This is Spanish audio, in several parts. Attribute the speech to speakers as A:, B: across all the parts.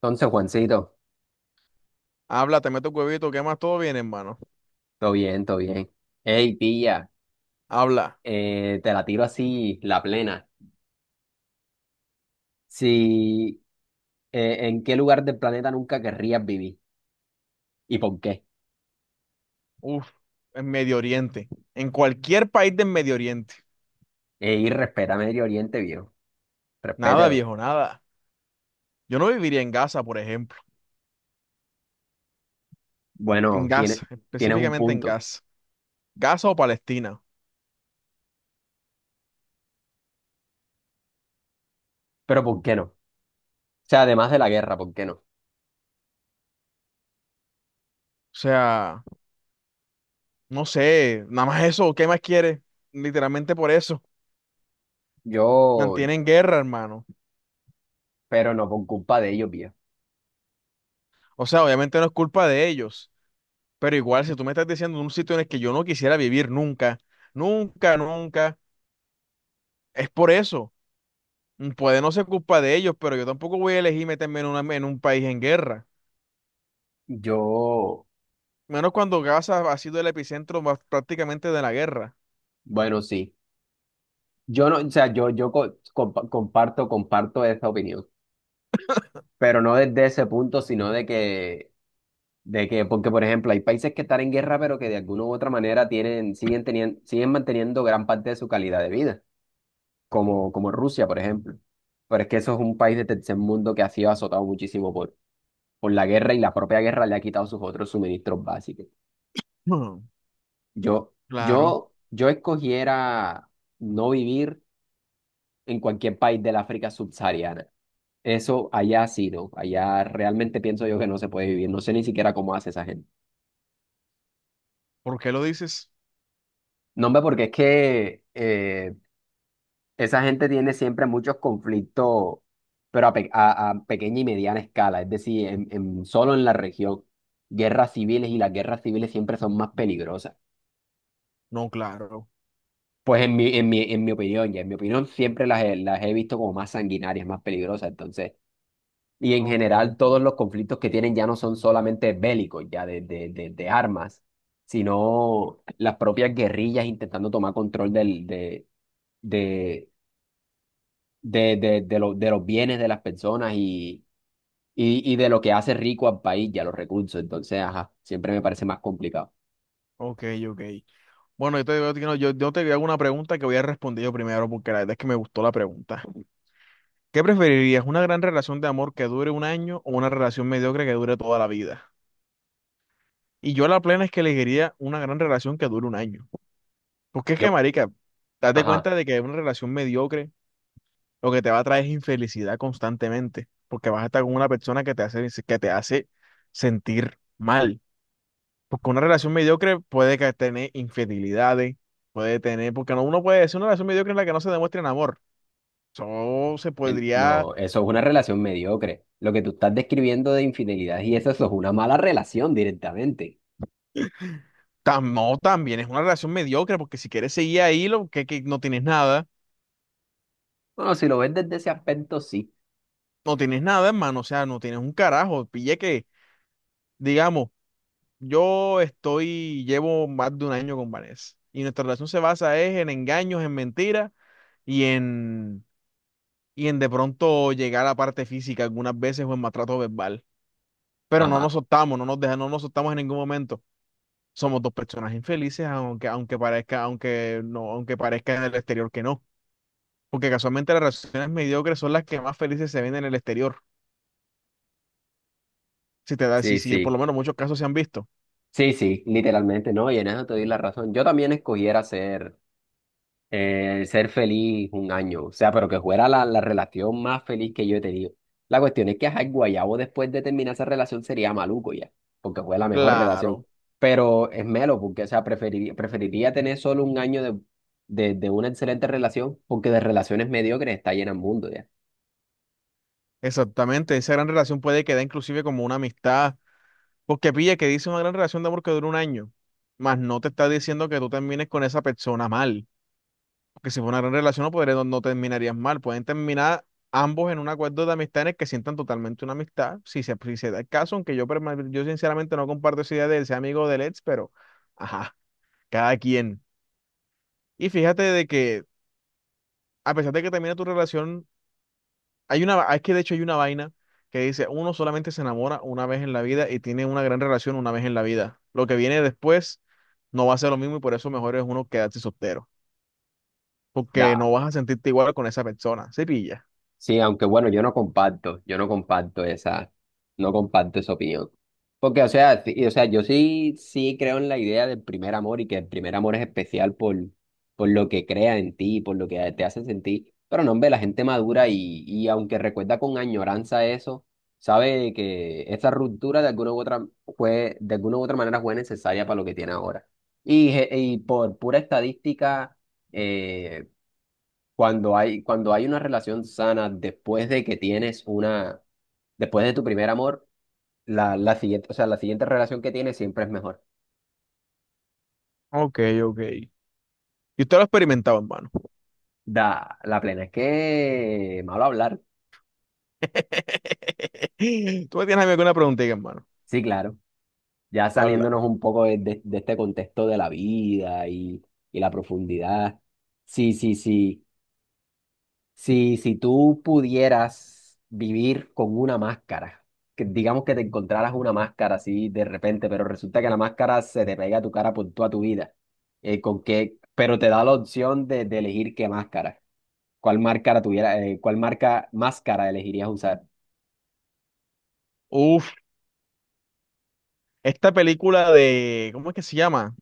A: Entonces, Juancito,
B: Habla, te meto huevito, ¿qué más? Todo bien, hermano.
A: todo bien, todo bien. Hey, pilla,
B: Habla.
A: te la tiro así, la plena. Si, ¿en qué lugar del planeta nunca querrías vivir? ¿Y por qué?
B: Uf, en Medio Oriente. En cualquier país del Medio Oriente.
A: Ey, respeta Medio Oriente, viejo.
B: Nada,
A: Respétalo.
B: viejo, nada. Yo no viviría en Gaza, por ejemplo. En
A: Bueno,
B: Gaza,
A: tienes un
B: específicamente en
A: punto.
B: Gaza. Gaza o Palestina. O
A: Pero ¿por qué no? O sea, además de la guerra, ¿por qué no?
B: sea, no sé, nada más eso, ¿qué más quieres? Literalmente por eso.
A: Yo,
B: Mantienen guerra, hermano.
A: pero no por culpa de ellos, viejo.
B: O sea, obviamente no es culpa de ellos. Pero igual, si tú me estás diciendo un sitio en el que yo no quisiera vivir nunca, nunca, nunca, es por eso. Mm, puede no ser culpa de ellos, pero yo tampoco voy a elegir meterme en, en un país en guerra.
A: Yo,
B: Menos cuando Gaza ha sido el epicentro más prácticamente de la guerra.
A: bueno, sí. Yo no, o sea, yo comparto esa opinión. Pero no desde ese punto, sino de que de que, porque por ejemplo, hay países que están en guerra, pero que de alguna u otra manera siguen siguen manteniendo gran parte de su calidad de vida, como Rusia, por ejemplo. Pero es que eso es un país de tercer mundo que ha sido azotado muchísimo por la guerra, y la propia guerra le ha quitado sus otros suministros básicos.
B: Hmm. Claro.
A: Yo escogiera no vivir en cualquier país del África subsahariana. Eso allá sí, ¿no? Allá realmente pienso yo que no se puede vivir. No sé ni siquiera cómo hace esa gente.
B: ¿Por qué lo dices?
A: No, hombre, porque es que esa gente tiene siempre muchos conflictos, pero a pequeña y mediana escala, es decir, solo en la región. Guerras civiles, y las guerras civiles siempre son más peligrosas.
B: No, claro.
A: Pues en mi opinión, ya en mi opinión, siempre las he visto como más sanguinarias, más peligrosas. Entonces, y en
B: Ok,
A: general
B: ok.
A: todos los conflictos que tienen ya no son solamente bélicos, ya de armas, sino las propias guerrillas intentando tomar control del, de, de, lo- de los bienes de las personas, y de lo que hace rico al país y a los recursos. Entonces, ajá, siempre me parece más complicado.
B: Ok, ok. Bueno, yo te, digo- yo, te yo- yo te hago una pregunta que voy a responder yo primero porque la verdad es que me gustó la pregunta. ¿Qué preferirías? ¿Una gran relación de amor que dure un año o una relación mediocre que dure toda la vida? Y yo la plena es que elegiría una gran relación que dure un año. Porque es que,
A: Yo,
B: marica, date
A: ajá,
B: cuenta de que una relación mediocre lo que te va a traer es infelicidad constantemente, porque vas a estar con una persona que te hace sentir mal. Porque una relación mediocre puede que tener infidelidades, puede tener, porque no, uno puede decir una relación mediocre en la que no se demuestra en amor. Eso se podría,
A: no, eso es una relación mediocre. Lo que tú estás describiendo de infidelidad y eso es una mala relación directamente.
B: no, también es una relación mediocre, porque si quieres seguir ahí, lo que no tienes nada,
A: Bueno, si lo ves desde ese aspecto, sí.
B: no tienes nada, hermano, o sea, no tienes un carajo, pille que, digamos. Llevo más de un año con Vanessa y nuestra relación se basa es en engaños, en mentiras y en, y en de pronto llegar a la parte física algunas veces o en maltrato verbal. Pero no nos
A: Ajá,
B: soltamos, no nos soltamos en ningún momento. Somos dos personas infelices, aunque, aunque parezca, aunque no, aunque parezca en el exterior que no. Porque casualmente las relaciones mediocres son las que más felices se ven en el exterior. Si te da,
A: sí,
B: si por
A: sí.
B: lo menos muchos casos se han visto.
A: Sí, sí, literalmente, no, y en eso te doy la razón. Yo también escogiera ser ser feliz un año, o sea, pero que fuera la relación más feliz que yo he tenido. La cuestión es que ajá, el guayabo después de terminar esa relación sería maluco ya, porque fue la mejor relación.
B: Claro,
A: Pero es melo, porque, o sea, preferiría tener solo un año de, de una excelente relación, porque de relaciones mediocres está llena el mundo
B: exactamente. Esa gran relación puede quedar inclusive como una amistad. Porque pilla que dice una gran relación de amor que dura un año, más no te está diciendo que tú termines con esa persona mal. Porque si fue una gran relación no, no, no terminarías mal. Pueden terminar ambos en un acuerdo de amistad en el que sientan totalmente una amistad, si se da el caso, aunque yo, yo sinceramente no comparto esa idea de ser amigo del ex, pero ajá, cada quien. Y fíjate de que a pesar de que termine tu relación, hay una, es que de hecho hay una vaina que dice, uno solamente se enamora una vez en la vida y tiene una gran relación una vez en la vida. Lo que viene después no va a ser lo mismo y por eso mejor es uno quedarse soltero, porque
A: ya.
B: no vas a sentirte igual con esa persona. Se pilla.
A: Sí, aunque bueno, yo no comparto esa, no comparto esa opinión. Porque, o sea, o sea, yo sí, sí creo en la idea del primer amor y que el primer amor es especial por lo que crea en ti, por lo que te hace sentir. Pero no, hombre, la gente madura y aunque recuerda con añoranza eso, sabe que esa ruptura de alguna u otra fue, de alguna u otra manera fue necesaria para lo que tiene ahora. Y, y por pura estadística eh, cuando cuando hay una relación sana después de que tienes una, después de tu primer amor, la siguiente, o sea, la siguiente relación que tienes siempre es mejor.
B: Ok, ok. Y usted lo ha experimentado, hermano.
A: Da, la plena. Es que malo hablar.
B: ¿Tú me tienes a mí alguna preguntita, hermano?
A: Sí, claro. Ya
B: Habla.
A: saliéndonos un poco de, de este contexto de la vida y la profundidad. Sí, sí, sí. Si, si tú pudieras vivir con una máscara, que digamos que te encontraras una máscara así de repente, pero resulta que la máscara se te pega a tu cara por toda tu vida, con qué, pero te da la opción de elegir qué máscara, cuál máscara tuviera, cuál marca máscara elegirías usar.
B: Uf, esta película de, ¿cómo es que se llama?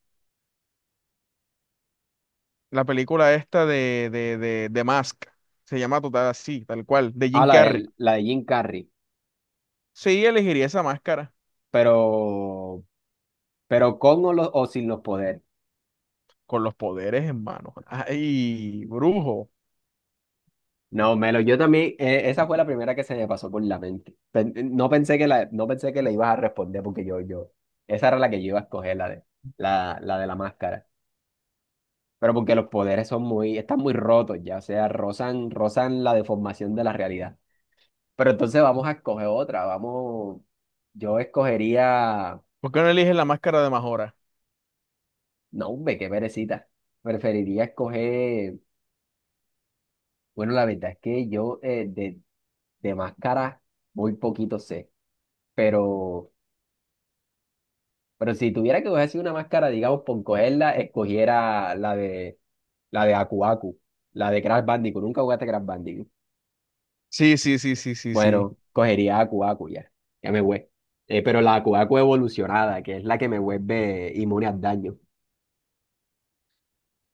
B: La película esta de Mask. Se llama total así, tal cual, de
A: Ah,
B: Jim Carrey.
A: la de Jim Carrey,
B: Sí, elegiría esa máscara.
A: pero, pero con o sin los poderes.
B: Con los poderes en mano. Ay, brujo.
A: No, Melo, yo también, esa fue la primera que se me pasó por la mente. No pensé que la, no pensé que le ibas a responder porque yo, esa era la que yo iba a escoger, la de la máscara. Pero porque los poderes son muy, están muy rotos ya, o sea, rozan, rozan la deformación de la realidad. Pero entonces vamos a escoger otra, vamos, yo escogería,
B: ¿Por qué no eliges la máscara de Majora?
A: no, hombre, qué perecita. Preferiría escoger, bueno, la verdad es que yo de máscara muy poquito sé, pero... Pero si tuviera que coger así una máscara, digamos, por cogerla, escogiera la de Aku Aku, la de Crash Bandicoot. Nunca jugaste Crash Bandicoot.
B: Sí, sí.
A: Bueno, cogería Aku Aku ya. Ya me voy. Pero la Aku Aku evolucionada, que es la que me vuelve inmune al daño.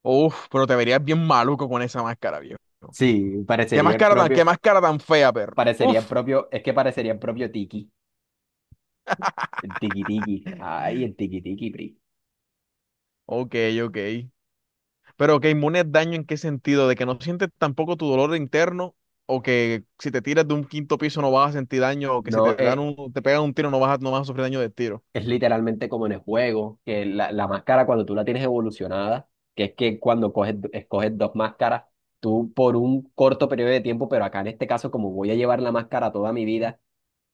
B: Uf, pero te verías bien maluco con esa máscara, viejo.
A: Sí,
B: Qué máscara tan fea, perro?
A: parecería el
B: Uf.
A: propio, es que parecería el propio Tiki. El Tiki Tiki. Ay, el Tiki Tiki, Pri.
B: Ok, ok. Pero que inmune al daño en qué sentido, de que no sientes tampoco tu dolor interno, o que si te tiras de un quinto piso no vas a sentir daño, o que si
A: No,
B: te dan un, te pegan un tiro no vas a, no vas a sufrir daño de tiro.
A: es literalmente como en el juego, que la máscara cuando tú la tienes evolucionada, que es que cuando coges, escoges dos máscaras, tú por un corto periodo de tiempo, pero acá en este caso, como voy a llevar la máscara toda mi vida,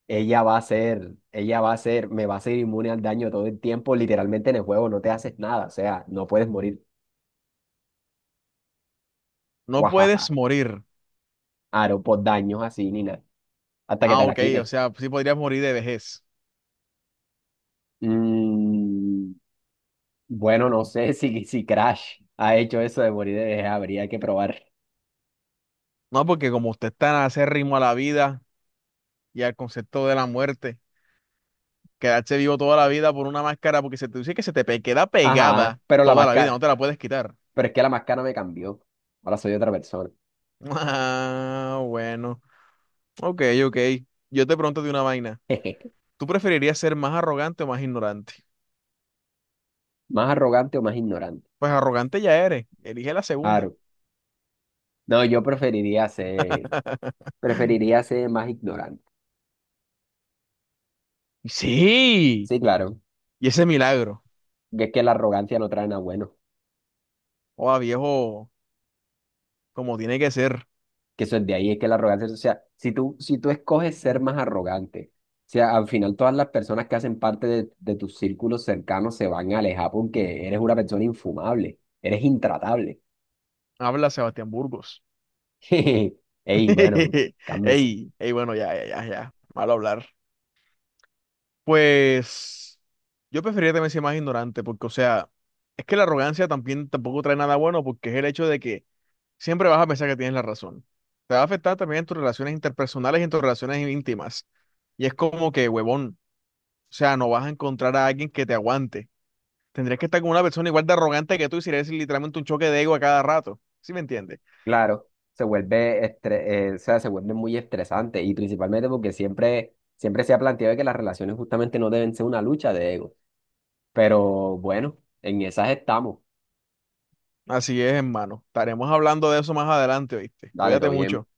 A: ella va a ser, me va a ser inmune al daño todo el tiempo, literalmente en el juego no te haces nada, o sea, no puedes morir,
B: No puedes
A: guajaja,
B: morir.
A: aro por daños así ni nada, hasta que
B: Ah,
A: te la
B: ok, o
A: quite.
B: sea, sí podrías morir de vejez.
A: Mm, bueno, no sé si, si Crash ha hecho eso de morir de vejez, habría que probar.
B: No, porque como usted está tan acérrimo a la vida y al concepto de la muerte, quedarse vivo toda la vida por una máscara, porque se te dice que queda
A: Ajá,
B: pegada
A: pero la
B: toda la vida, no
A: máscara,
B: te la puedes quitar.
A: pero es que la máscara me cambió. Ahora soy otra persona.
B: Ah, bueno. Ok, ok. Yo te pregunto de una vaina. ¿Tú preferirías ser más arrogante o más ignorante?
A: ¿Más arrogante o más ignorante?
B: Pues arrogante ya eres. Elige la segunda.
A: Claro. No, yo preferiría ser más ignorante.
B: Sí.
A: Sí, claro.
B: Y ese milagro.
A: que Es que la arrogancia no trae nada bueno.
B: Oh, viejo, como tiene que ser.
A: Que eso es de ahí, es que la arrogancia, o sea, si tú escoges ser más arrogante, o sea, al final todas las personas que hacen parte de tus círculos cercanos se van a alejar porque eres una persona infumable, eres intratable.
B: Habla Sebastián Burgos.
A: Ey, bueno, cálmese.
B: Ey, ey, bueno, ya. Malo hablar. Pues yo preferiría también ser más ignorante, porque, o sea, es que la arrogancia también tampoco trae nada bueno, porque es el hecho de que siempre vas a pensar que tienes la razón. Te va a afectar también en tus relaciones interpersonales y en tus relaciones íntimas. Y es como que, huevón, o sea, no vas a encontrar a alguien que te aguante. Tendrías que estar con una persona igual de arrogante que tú y sería literalmente un choque de ego a cada rato. ¿Sí me entiendes?
A: Claro, se vuelve estre- o sea, se vuelve muy estresante, y principalmente porque siempre, siempre se ha planteado que las relaciones justamente no deben ser una lucha de ego. Pero bueno, en esas estamos.
B: Así es, hermano. Estaremos hablando de eso más adelante, ¿oíste?
A: Dale, todo
B: Cuídate
A: bien.
B: mucho.